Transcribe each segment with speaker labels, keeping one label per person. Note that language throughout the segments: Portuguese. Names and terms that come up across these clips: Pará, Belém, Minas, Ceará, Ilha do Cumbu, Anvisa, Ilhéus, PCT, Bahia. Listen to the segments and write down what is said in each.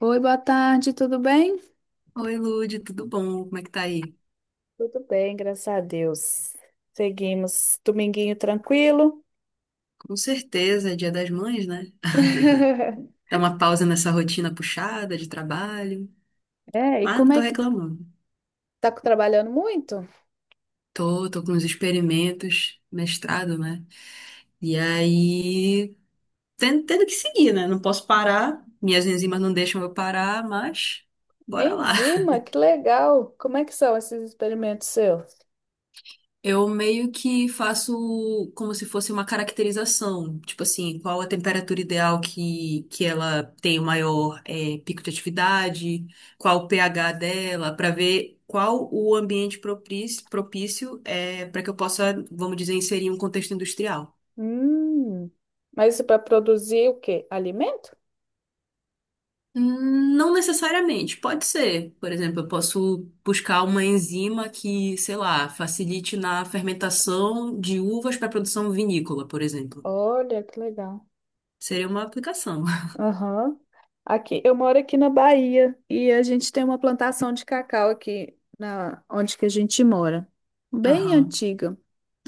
Speaker 1: Oi, boa tarde, tudo bem?
Speaker 2: Oi, Lude, tudo bom? Como é que tá aí?
Speaker 1: Tudo bem, graças a Deus. Seguimos. Dominguinho tranquilo.
Speaker 2: Com certeza, é Dia das Mães, né? Dá uma pausa nessa rotina puxada de trabalho,
Speaker 1: É, e
Speaker 2: mas não
Speaker 1: como
Speaker 2: tô
Speaker 1: é que
Speaker 2: reclamando.
Speaker 1: tá trabalhando muito?
Speaker 2: Tô com uns experimentos, mestrado, né? E aí, tendo que seguir, né? Não posso parar, minhas enzimas não deixam eu parar, mas bora lá.
Speaker 1: Enzima, que legal. Como é que são esses experimentos seus?
Speaker 2: Eu meio que faço como se fosse uma caracterização, tipo assim, qual a temperatura ideal que ela tem o maior pico de atividade, qual o pH dela, para ver qual o ambiente propício, propício é para que eu possa, vamos dizer, inserir um contexto industrial.
Speaker 1: Hum, Mas isso para produzir o quê? Alimento?
Speaker 2: Não necessariamente, pode ser. Por exemplo, eu posso buscar uma enzima que, sei lá, facilite na fermentação de uvas para produção vinícola, por exemplo.
Speaker 1: Olha, que legal.
Speaker 2: Seria uma aplicação.
Speaker 1: Aham. Aqui, eu moro aqui na Bahia e a gente tem uma plantação de cacau aqui na onde que a gente mora, bem
Speaker 2: Aham.
Speaker 1: antiga.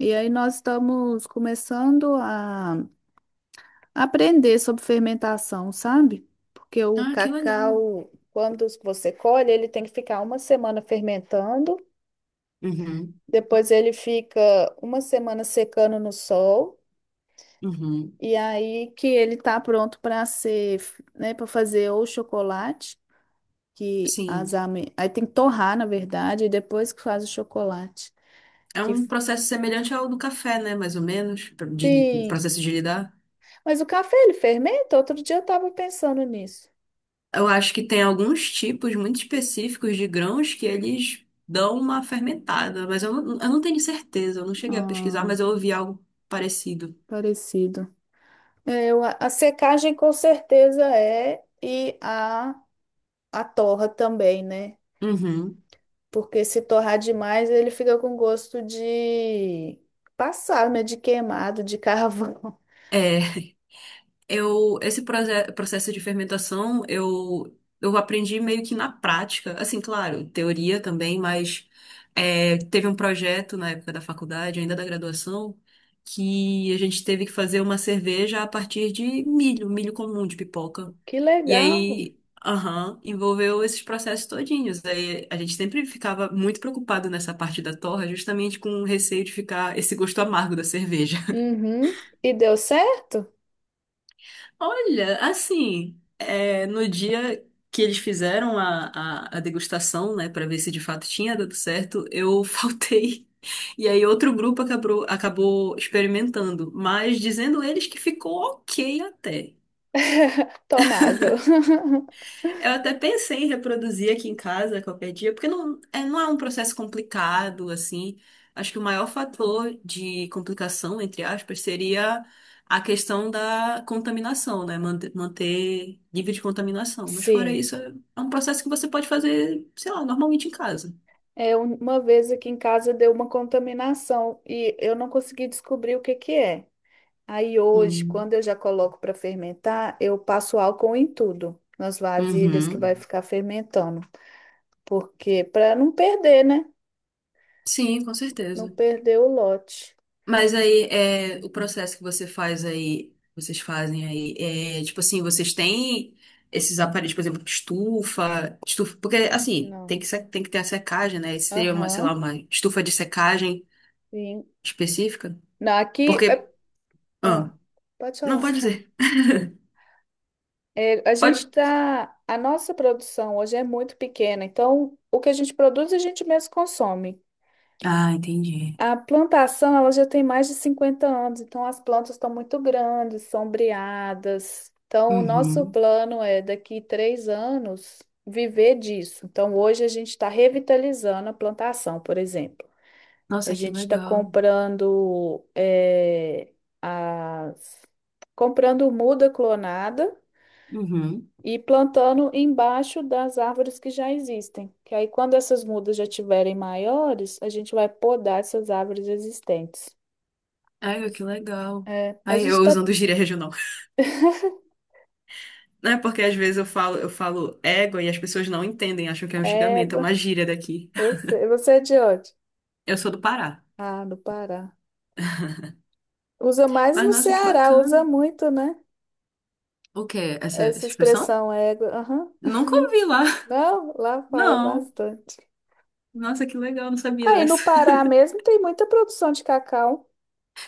Speaker 1: E aí nós estamos começando a aprender sobre fermentação, sabe? Porque o
Speaker 2: Ah, que legal.
Speaker 1: cacau, quando você colhe, ele tem que ficar uma semana fermentando,
Speaker 2: Uhum,
Speaker 1: depois ele fica uma semana secando no sol.
Speaker 2: uhum.
Speaker 1: E aí que ele tá pronto para ser, né, para fazer ou chocolate que as
Speaker 2: Sim.
Speaker 1: ame... Aí tem que torrar, na verdade, e depois que faz o chocolate.
Speaker 2: É
Speaker 1: Que
Speaker 2: um processo semelhante ao do café, né? Mais ou menos,
Speaker 1: sim.
Speaker 2: processo de lidar.
Speaker 1: Mas o café ele fermenta? Outro dia eu tava pensando nisso.
Speaker 2: Eu acho que tem alguns tipos muito específicos de grãos que eles dão uma fermentada, mas eu não tenho certeza, eu não cheguei a pesquisar,
Speaker 1: Ah,
Speaker 2: mas eu ouvi algo parecido.
Speaker 1: parecido. É, a secagem com certeza é e a torra também, né?
Speaker 2: Uhum.
Speaker 1: Porque se torrar demais, ele fica com gosto de passar né? De queimado, de carvão.
Speaker 2: É, eu, esse processo de fermentação, eu aprendi meio que na prática. Assim, claro, teoria também, mas é, teve um projeto na época da faculdade, ainda da graduação, que a gente teve que fazer uma cerveja a partir de milho, milho comum de pipoca.
Speaker 1: Que
Speaker 2: E
Speaker 1: legal.
Speaker 2: aí, aham, envolveu esses processos todinhos. Aí a gente sempre ficava muito preocupado nessa parte da torra, justamente com o receio de ficar esse gosto amargo da cerveja.
Speaker 1: Uhum. E deu certo?
Speaker 2: Olha, assim, é, no dia que eles fizeram a degustação, né, para ver se de fato tinha dado certo, eu faltei. E aí outro grupo acabou experimentando, mas dizendo eles que ficou ok até.
Speaker 1: Tomável.
Speaker 2: Eu até pensei em reproduzir aqui em casa qualquer dia, porque não é um processo complicado, assim. Acho que o maior fator de complicação, entre aspas, seria a questão da contaminação, né? Manter nível de contaminação. Mas fora
Speaker 1: Sim,
Speaker 2: isso, é um processo que você pode fazer, sei lá, normalmente em casa.
Speaker 1: é um- uma vez aqui em casa deu uma contaminação e eu não consegui descobrir o que que é. Aí hoje,
Speaker 2: Hum.
Speaker 1: quando eu já coloco para fermentar, eu passo álcool em tudo, nas vasilhas que vai
Speaker 2: Uhum.
Speaker 1: ficar fermentando, porque para não perder, né?
Speaker 2: Sim, com
Speaker 1: Não
Speaker 2: certeza.
Speaker 1: perder o lote.
Speaker 2: Mas aí, é, o processo que você faz aí, vocês fazem aí, é, tipo assim, vocês têm esses aparelhos, por exemplo, estufa, porque assim,
Speaker 1: Não.
Speaker 2: tem que, se- tem que ter a secagem, né? Isso seria uma, sei lá,
Speaker 1: Aham.
Speaker 2: uma estufa de secagem
Speaker 1: Sim.
Speaker 2: específica.
Speaker 1: Não, aqui
Speaker 2: Porque, ah,
Speaker 1: ah, pode
Speaker 2: não pode
Speaker 1: falar.
Speaker 2: dizer.
Speaker 1: É, a gente
Speaker 2: Pode.
Speaker 1: tá, a nossa produção hoje é muito pequena, então o que a gente produz a gente mesmo consome.
Speaker 2: Ah, entendi.
Speaker 1: A plantação, ela já tem mais de 50 anos, então as plantas estão muito grandes, sombreadas. Então, o nosso
Speaker 2: Uhum.
Speaker 1: plano é, daqui 3 anos, viver disso. Então, hoje a gente está revitalizando a plantação, por exemplo. A
Speaker 2: Nossa, que
Speaker 1: gente está
Speaker 2: legal.
Speaker 1: comprando, as... comprando muda clonada
Speaker 2: Uhum.
Speaker 1: e plantando embaixo das árvores que já existem. Que aí, quando essas mudas já tiverem maiores, a gente vai podar essas árvores existentes.
Speaker 2: Ai, que legal.
Speaker 1: É, a
Speaker 2: Aí eu
Speaker 1: gente tá.
Speaker 2: usando gíria regional. Não é porque às vezes eu falo égua e as pessoas não entendem, acham que é um xingamento, é
Speaker 1: Égua,
Speaker 2: uma gíria daqui.
Speaker 1: eu sei. Você é de onde?
Speaker 2: Eu sou do Pará.
Speaker 1: Ah, do Pará. Usa mais
Speaker 2: Mas
Speaker 1: no
Speaker 2: nossa, que
Speaker 1: Ceará, usa
Speaker 2: bacana.
Speaker 1: muito, né?
Speaker 2: O quê? Essa
Speaker 1: Essa
Speaker 2: expressão?
Speaker 1: expressão égua. Aham.
Speaker 2: Nunca ouvi lá.
Speaker 1: Não, lá falo
Speaker 2: Não.
Speaker 1: bastante.
Speaker 2: Nossa, que legal, não sabia
Speaker 1: Aí no
Speaker 2: dessa.
Speaker 1: Pará mesmo tem muita produção de cacau.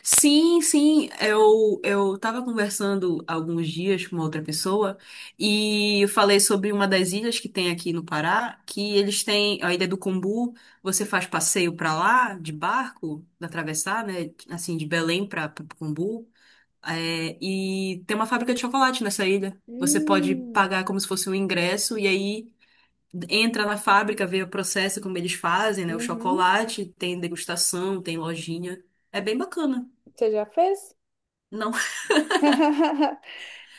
Speaker 2: Sim, sim, eu tava conversando alguns dias com uma outra pessoa e eu falei sobre uma das ilhas que tem aqui no Pará, que eles têm a Ilha do Cumbu, você faz passeio pra lá de barco, atravessar, né, assim de Belém para Cumbu. É, e tem uma fábrica de chocolate nessa ilha. Você pode
Speaker 1: Hum.
Speaker 2: pagar como se fosse um ingresso e aí entra na fábrica, vê o processo, como eles fazem, né? O
Speaker 1: Uhum.
Speaker 2: chocolate, tem degustação, tem lojinha. É bem bacana.
Speaker 1: Você já fez?
Speaker 2: Não,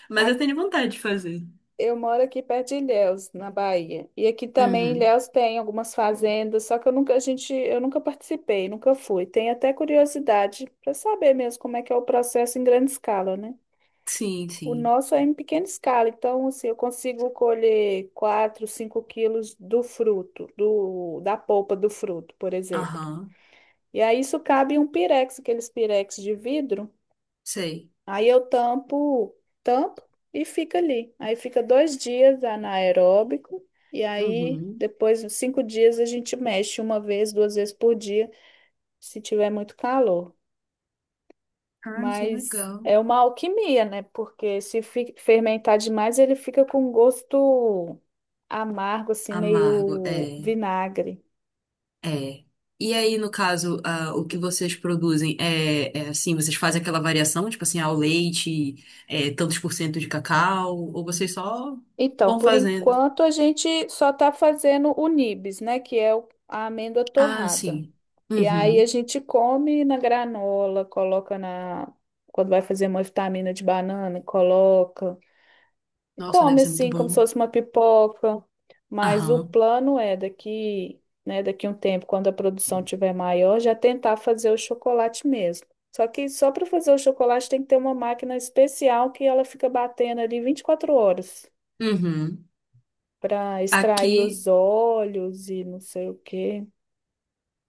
Speaker 2: mas eu
Speaker 1: Aqui.
Speaker 2: tenho vontade de fazer.
Speaker 1: Eu moro aqui perto de Ilhéus, na Bahia. E aqui também em
Speaker 2: Uhum.
Speaker 1: Ilhéus tem algumas fazendas, só que eu nunca, a gente, eu nunca participei, nunca fui. Tenho até curiosidade para saber mesmo como é que é o processo em grande escala, né?
Speaker 2: Sim,
Speaker 1: O
Speaker 2: sim.
Speaker 1: nosso é em pequena escala, então assim, eu consigo colher 4, 5 quilos do fruto, do, da polpa do fruto, por exemplo.
Speaker 2: Aham.
Speaker 1: E aí isso cabe em um pirex, aqueles pirex de vidro.
Speaker 2: Sei.
Speaker 1: Aí eu tampo e fica ali. Aí fica 2 dias anaeróbico. E aí,
Speaker 2: Uhum.
Speaker 1: depois, uns 5 dias, a gente mexe uma vez, duas vezes por dia, se tiver muito calor.
Speaker 2: Ah, que
Speaker 1: Mas
Speaker 2: legal.
Speaker 1: é uma alquimia, né? Porque se fermentar demais, ele fica com um gosto amargo, assim,
Speaker 2: Amargo,
Speaker 1: meio
Speaker 2: é.
Speaker 1: vinagre.
Speaker 2: É. E aí, no caso, ah, o que vocês produzem é assim, vocês fazem aquela variação, tipo assim, ao leite, é, tantos por cento de cacau, ou vocês só
Speaker 1: Então,
Speaker 2: vão
Speaker 1: por
Speaker 2: fazendo?
Speaker 1: enquanto, a gente só está fazendo o nibs, né? Que é o- a amêndoa
Speaker 2: Ah,
Speaker 1: torrada.
Speaker 2: sim.
Speaker 1: E aí a
Speaker 2: Uhum.
Speaker 1: gente come na granola, coloca na. Quando vai fazer uma vitamina de banana, coloca. E
Speaker 2: Nossa, deve
Speaker 1: come
Speaker 2: ser muito
Speaker 1: assim, como se
Speaker 2: bom.
Speaker 1: fosse uma pipoca. Mas o
Speaker 2: Aham.
Speaker 1: plano é daqui, né, daqui um tempo, quando a produção tiver maior, já tentar fazer o chocolate mesmo. Só que só para fazer o chocolate tem que ter uma máquina especial que ela fica batendo ali 24 horas
Speaker 2: Uhum.
Speaker 1: para extrair
Speaker 2: Aqui,
Speaker 1: os óleos e não sei o quê.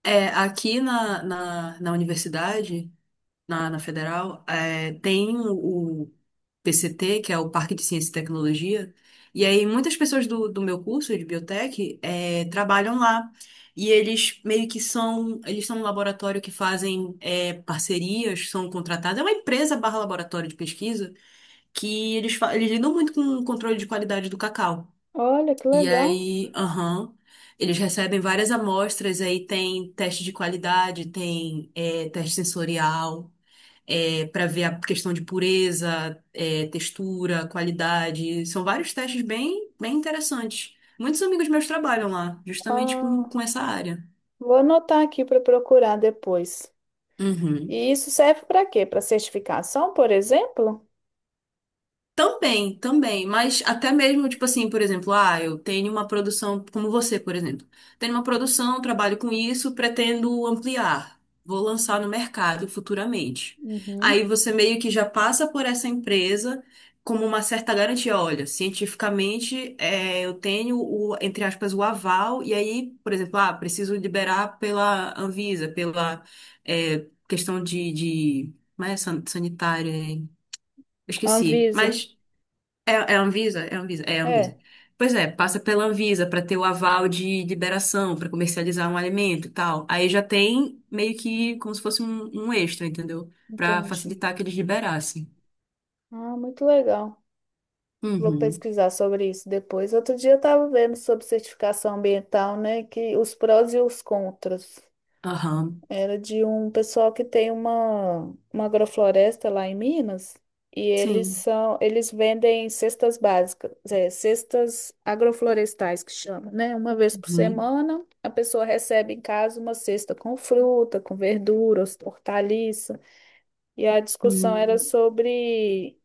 Speaker 2: é, aqui na universidade, na federal, é, tem o PCT, que é o Parque de Ciência e Tecnologia, e aí muitas pessoas do meu curso de biotech é, trabalham lá. E eles meio que são, eles são um laboratório que fazem é, parcerias, são contratados, é uma empresa barra laboratório de pesquisa, que eles, eles lidam muito com o controle de qualidade do cacau.
Speaker 1: Olha que
Speaker 2: E
Speaker 1: legal.
Speaker 2: aí, aham. Eles recebem várias amostras, aí tem teste de qualidade, tem é, teste sensorial para ver a questão de pureza, é, textura, qualidade. São vários testes bem, bem interessantes. Muitos amigos meus trabalham lá, justamente
Speaker 1: Ah.
Speaker 2: com essa área.
Speaker 1: Vou anotar aqui para procurar depois.
Speaker 2: Uhum.
Speaker 1: E isso serve para quê? Para certificação, por exemplo?
Speaker 2: Também, também, mas até mesmo, tipo assim, por exemplo, ah, eu tenho uma produção, como você, por exemplo, tenho uma produção, trabalho com isso, pretendo ampliar, vou lançar no mercado futuramente.
Speaker 1: Uhum.
Speaker 2: Aí você meio que já passa por essa empresa como uma certa garantia, olha, cientificamente é, eu tenho o, entre aspas, o aval, e aí, por exemplo, ah, preciso liberar pela Anvisa, pela é, questão de, não é sanitária, é, eu esqueci,
Speaker 1: Anvisa.
Speaker 2: mas é, é a Anvisa? É a Anvisa? É a Anvisa.
Speaker 1: É,
Speaker 2: Pois é, passa pela Anvisa para ter o aval de liberação, para comercializar um alimento e tal. Aí já tem meio que como se fosse um extra, entendeu? Para
Speaker 1: entendi.
Speaker 2: facilitar que eles liberassem.
Speaker 1: Ah, muito legal. Vou
Speaker 2: Uhum.
Speaker 1: pesquisar sobre isso depois. Outro dia eu estava vendo sobre certificação ambiental, né? Que os prós e os contras.
Speaker 2: Aham.
Speaker 1: Era de um pessoal que tem uma agrofloresta lá em Minas e eles
Speaker 2: Sim.
Speaker 1: são eles vendem cestas básicas, é, cestas agroflorestais que chama, né? Uma vez por
Speaker 2: Uhum.
Speaker 1: semana a pessoa recebe em casa uma cesta com fruta, com verduras, hortaliça. E a discussão era
Speaker 2: Uhum.
Speaker 1: sobre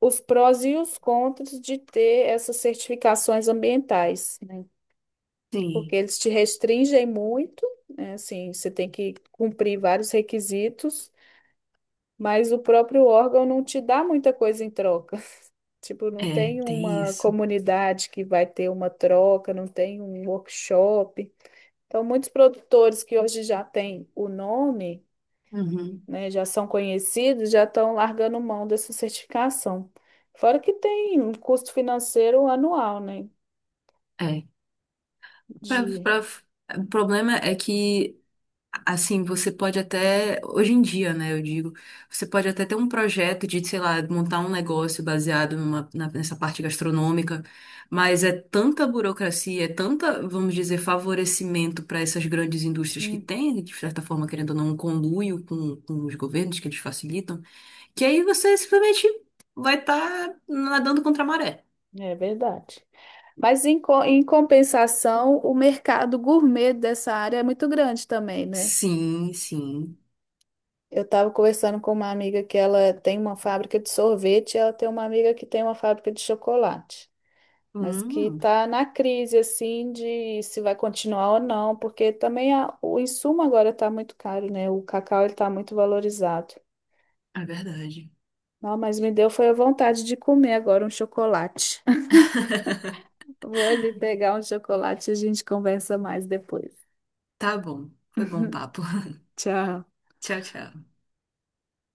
Speaker 1: os prós e os contras de ter essas certificações ambientais, né? Porque
Speaker 2: Sim.
Speaker 1: eles te restringem muito, né? Assim, você tem que cumprir vários requisitos, mas o próprio órgão não te dá muita coisa em troca. Tipo, não
Speaker 2: É,
Speaker 1: tem
Speaker 2: tem
Speaker 1: uma
Speaker 2: isso.
Speaker 1: comunidade que vai ter uma troca, não tem um workshop. Então, muitos produtores que hoje já têm o nome,
Speaker 2: Uhum.
Speaker 1: né, já são conhecidos, já estão largando mão dessa certificação. Fora que tem um custo financeiro anual, né?
Speaker 2: É. Pra,
Speaker 1: De...
Speaker 2: pra, o problema é que assim, você pode até, hoje em dia, né, eu digo, você pode até ter um projeto de, sei lá, montar um negócio baseado nessa parte gastronômica, mas é tanta burocracia, é tanta, vamos dizer, favorecimento para essas grandes indústrias que
Speaker 1: Hum,
Speaker 2: têm, de certa forma, querendo ou não, um conluio com os governos que eles facilitam, que aí você simplesmente vai estar nadando contra a maré.
Speaker 1: é verdade. Mas em, em compensação, o mercado gourmet dessa área é muito grande também, né?
Speaker 2: Sim, sim.
Speaker 1: Eu estava conversando com uma amiga que ela tem uma fábrica de sorvete, e ela tem uma amiga que tem uma fábrica de chocolate, mas que
Speaker 2: Hum,
Speaker 1: está na crise assim de se vai continuar ou não, porque também o insumo agora está muito caro, né? O cacau ele está muito valorizado.
Speaker 2: é verdade.
Speaker 1: Não, mas me deu foi a vontade de comer agora um chocolate. Vou ali pegar um chocolate e a gente conversa mais depois.
Speaker 2: Tá bom. Foi bom papo.
Speaker 1: Tchau.
Speaker 2: Tchau, tchau.